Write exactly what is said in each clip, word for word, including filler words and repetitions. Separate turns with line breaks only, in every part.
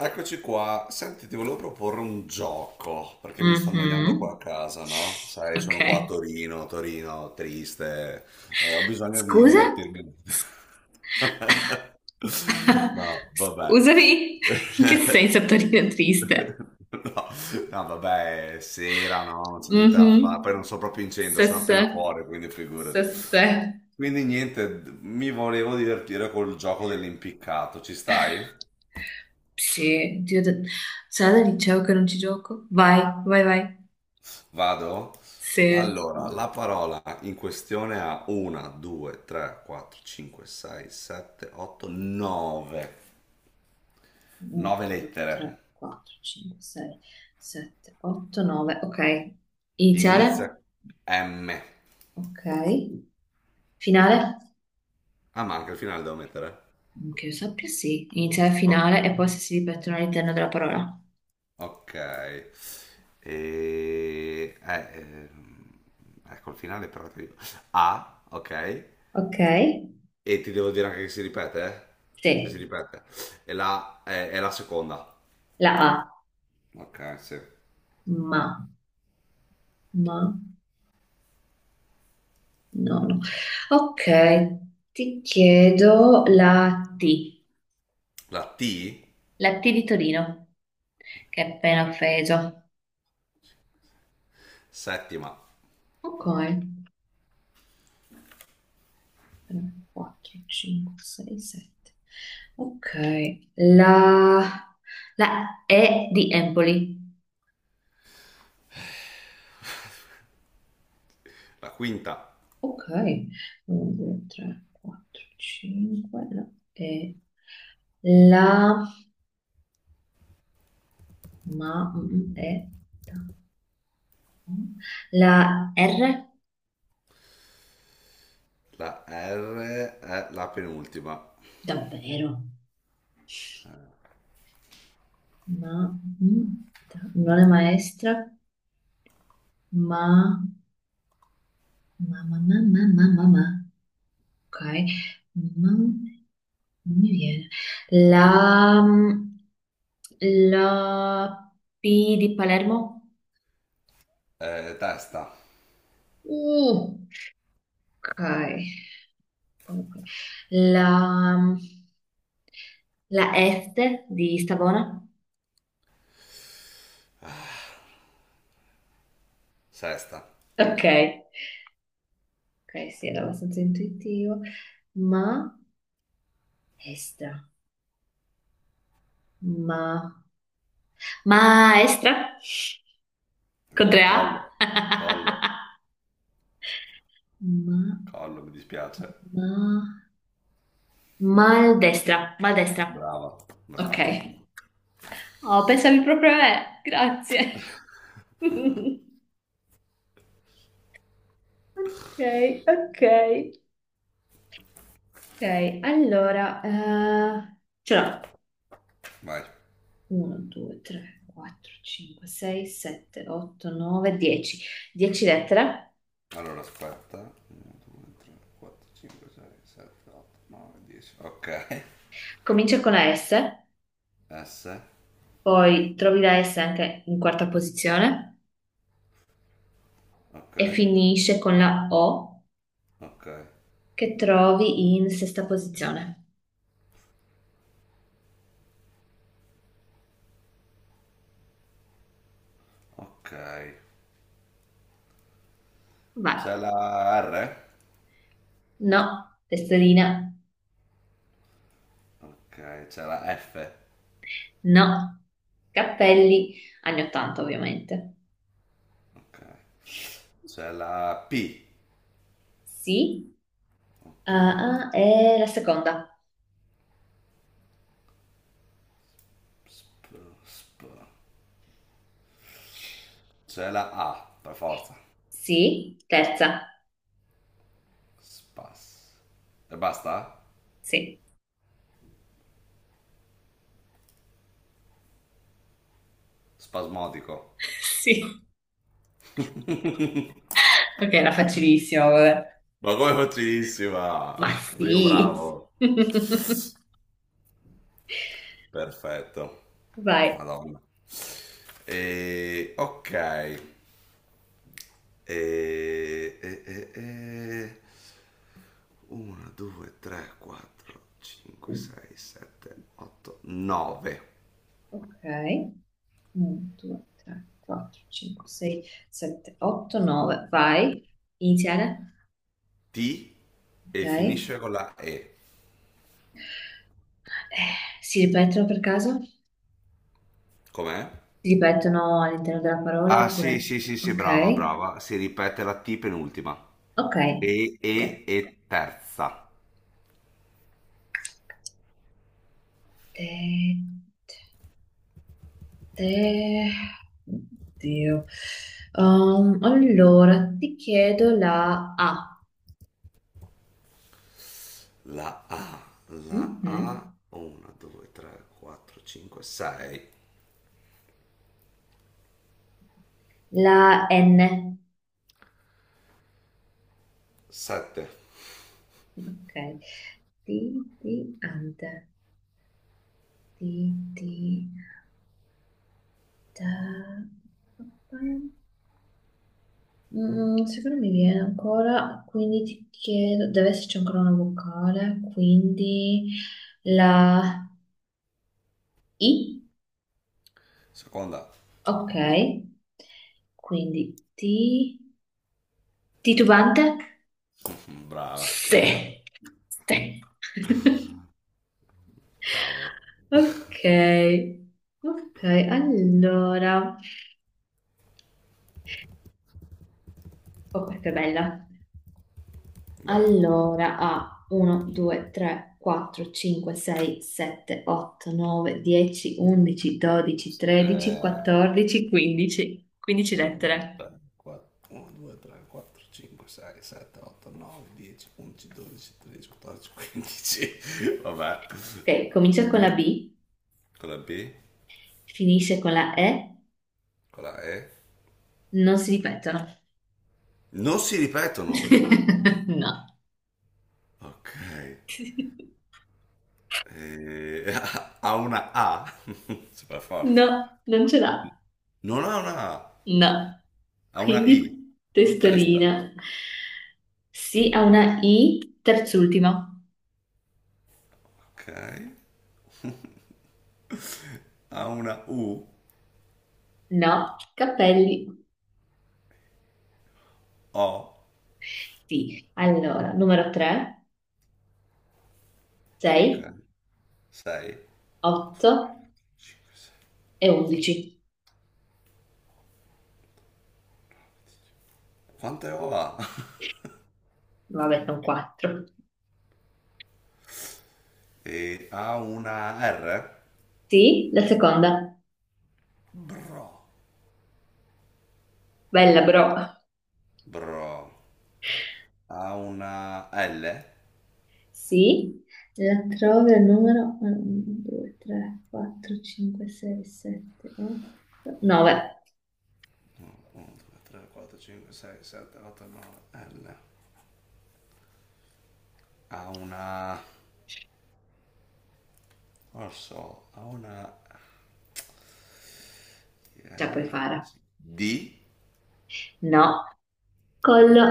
Eccoci qua, senti, ti volevo proporre un gioco, perché mi sto annoiando qua a
Mhm.
casa, no? Sai,
Ok.
sono qua a Torino, Torino triste, eh, ho bisogno di
Scusa?
divertirmi. No, vabbè.
Scusami? In che senso Torino è triste?
No, no, vabbè, è sera, no, non c'è niente da fare, poi
Mhm.
non sono proprio in centro, sono appena
Sesse.
fuori, quindi figurati.
Sesse.
Quindi niente, d- mi volevo divertire col gioco dell'impiccato, ci stai?
Sì, Dio, da... sarà da liceo che non ci gioco? Vai, vai, vai.
Vado?
Se
Allora, la parola in questione ha uno, due, tre, quattro, cinque, sei, sette, otto, nove.
uno,
nove
due,
lettere.
tre, quattro, cinque, sei, sette, otto, nove. Ok.
Inizia
Iniziale?
M.
Ok. Finale?
Ah, ma anche il finale devo mettere?
Che io sappia, sì. Iniziale,
O-
finale e poi se si ripetono all'interno della parola.
ok. E... eh, ehm, ecco, il finale però ti dico. A, ok.
Ok,
E ti devo dire anche che si ripete, eh? Se si
sì.
ripete. E la, è, è la seconda.
La A,
Ok, sì.
ma, ma, no, no. Ok, ti chiedo la T,
La T.
la T di Torino, che è appena offeso.
Settima.
Ok, tre, quattro, cinque, sei, sette. Ok, la, la E di Empoli.
La quinta.
Ok, uno, due, tre, quattro, cinque, la E, la, ma, mm, mm, E, ta, mm. la R.
La R è la penultima.
Davvero? Ma mm, tra- non è maestra, ma ma ma ma ma ma, ma, ma. Ok, ma non mi viene. La mm, la P di Palermo?
Eh, testa.
Uh, ok. Ok. La mm, la S di Savona?
Sesta.
Ok, ok, sì, era abbastanza intuitivo. Ma estra, ma maestra? Con tre A?
Collo. Collo.
Ma,
Collo, mi dispiace.
ma, maldestra, maldestra.
Brava.
Ok.
Brava.
Oh, pensavi proprio a me. Grazie. Ok, ok. Ok, allora, eh, ce l'ho.
Vai.
uno, due, tre, quattro, cinque, sei, sette, otto, nove, dieci. dieci lettere.
Allora, aspetta. uno, due, tre, quattro, cinque, sei, sette, otto, nove, dieci. Ok.
Comincia con la S,
S.
poi trovi la S anche in quarta posizione
Ok.
e finisce con la O
Ok.
che trovi in sesta posizione.
Ok.
Vai.
C'è la R?
No, testolina,
Ok. C'è la F?
no, cappelli, anni ottanta ovviamente.
Ok. C'è la P.
Sì,
Ok.
ah, ah, e la seconda.
Sp, sp. C'è la A, per forza.
Sì, terza.
Spas. E basta?
Sì,
Spasmodico.
sì. Ok, era facilissimo, vabbè.
Ma come facilissima! Sono
Ma
stato io
sì.
bravo. Perfetto.
Vai.
Madonna. E ok. E, e, e, e uno, due, tre, quattro, cinque, sei, sette, otto, nove.
Ok. uno, due, tre, quattro, cinque, sei, sette, otto, nove. Vai. Iniziare.
T
Ok.
e
Eh,
finisce con la E.
si ripetono per caso?
Com'è?
Si ripetono all'interno della parola
Ah, sì,
oppure?
sì, sì, sì, brava,
Ok,
brava. Si ripete la T penultima.
ok.
E,
Te,
E, e terza.
te, te. Oddio. Um, allora, ti chiedo la A.
La A, la
Mhm.
A, uno, due, tre, quattro, cinque, sei,
La N.
sette.
Ok. Ti, ti, ante. Ti, ti, ta. Mm, secondo me viene ancora, quindi ti chiedo, deve esserci ancora una vocale, quindi la, I,
Seconda.
ok. Quindi ti... Titubante?
Brava.
Sì, sì.
Cavolo.
Ok, ok, allora. Oh, questa è bella.
Vai.
Allora, a uno, due, tre, quattro, cinque, sei, sette, otto, nove, dieci, undici, dodici, tredici,
Eh,
quattordici, quindici. quindici
1, 2,
lettere.
3, 4, uno, due, tre, quattro, cinque, sei, sette, otto, nove, dieci, undici, dodici, tredici, quattordici, quindici. Vabbè,
Ok, comincia con la
dimmi
B,
con la B,
finisce con la E,
con la E.
non si ripetono.
Non si ripetono.
No.
Ok. Eh, ha una A. Super forte.
No, non ce l'ha.
Non ha una A,
No.
ha una I.
Quindi
Testa.
testolina. Sì, ha una I, terz'ultima.
Ok. Ha una U.
No, capelli.
O.
Sì. Allora, numero tre, sei,
Ok. sei.
otto
cinque, sei.
e undici.
Quante O ha?
Vabbè, sono quattro.
E ha una R?
Sì, la seconda.
Bro.
Bella, bro.
Bro. Ha una L?
Sì. La trovi al numero uno, due, tre, quattro, cinque, sei, sette, otto, nove.
uno, due, tre, quattro, cinque, sei, sette, otto, nove, L. Ha una non lo so, ha una
Ce la puoi
yeah,
fare.
D?
No. Collo.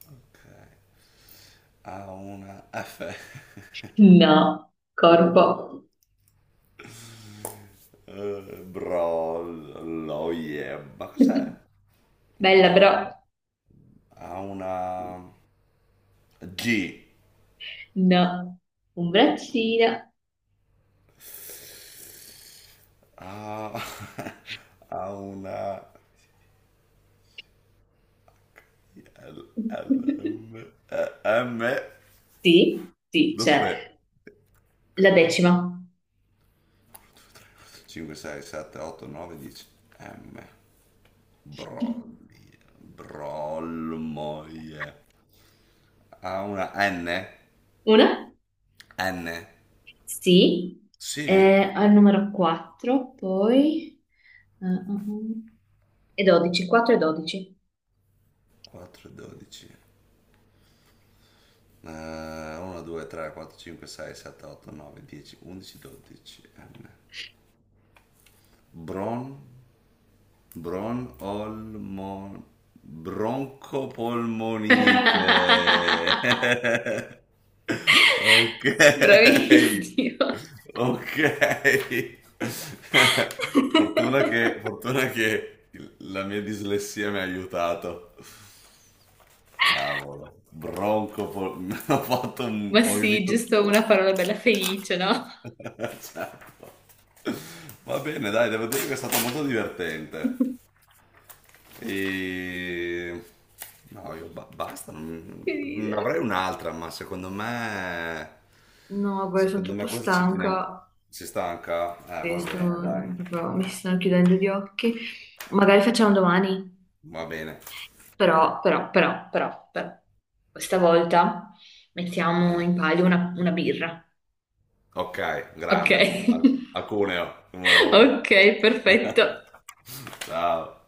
Ok. Ha una F?
No, corpo.
Eh, Bro, lo yeah. Ma cos'è?
Bella però.
Bro. Ha una G?
No, un braccino.
Ha ha una L, L, M, E, M.
Sì, sì, c'è
Dove?
la decima.
cinque, sei, sette, otto, nove, dieci. M. Brolli. Brollmoie. Ha una N?
Una?
N.
Sì.
Sì.
Eh, al numero quattro, poi, eh, eh, eh, E dodici, quattro e dodici.
quattro, dodici. uno, due, tre, quattro, cinque, sei, sette, otto, nove, dieci, undici, dodici. M. Bron. Bron- olmo- broncopolmonite. Ok.
Bravissimo.
Ok. Fortuna che, fortuna che il- la mia dislessia mi ha aiutato. Cavolo. Broncopol. Ho fatto un,
Ma
ho
sì,
unito.
giusto una parola bella felice, no?
Certo. Va bene, dai, devo dire che è stato molto divertente. E... No, io ba- basta, non
Che
non avrei
ridere.
un'altra, ma secondo me.
No, guarda, sono
Secondo me
troppo
questa ci teniamo.
stanca
Si stanca? Eh,
e
va bene,
sto
dai.
proprio, mi si stanno chiudendo gli occhi. Magari facciamo domani,
Va bene.
però, però, però, però, però. Questa volta mettiamo
Eh,
in palio una, una birra.
Ok,
Ok,
grande. Al- Acuneo, numero uno.
ok, perfetto.
Ciao.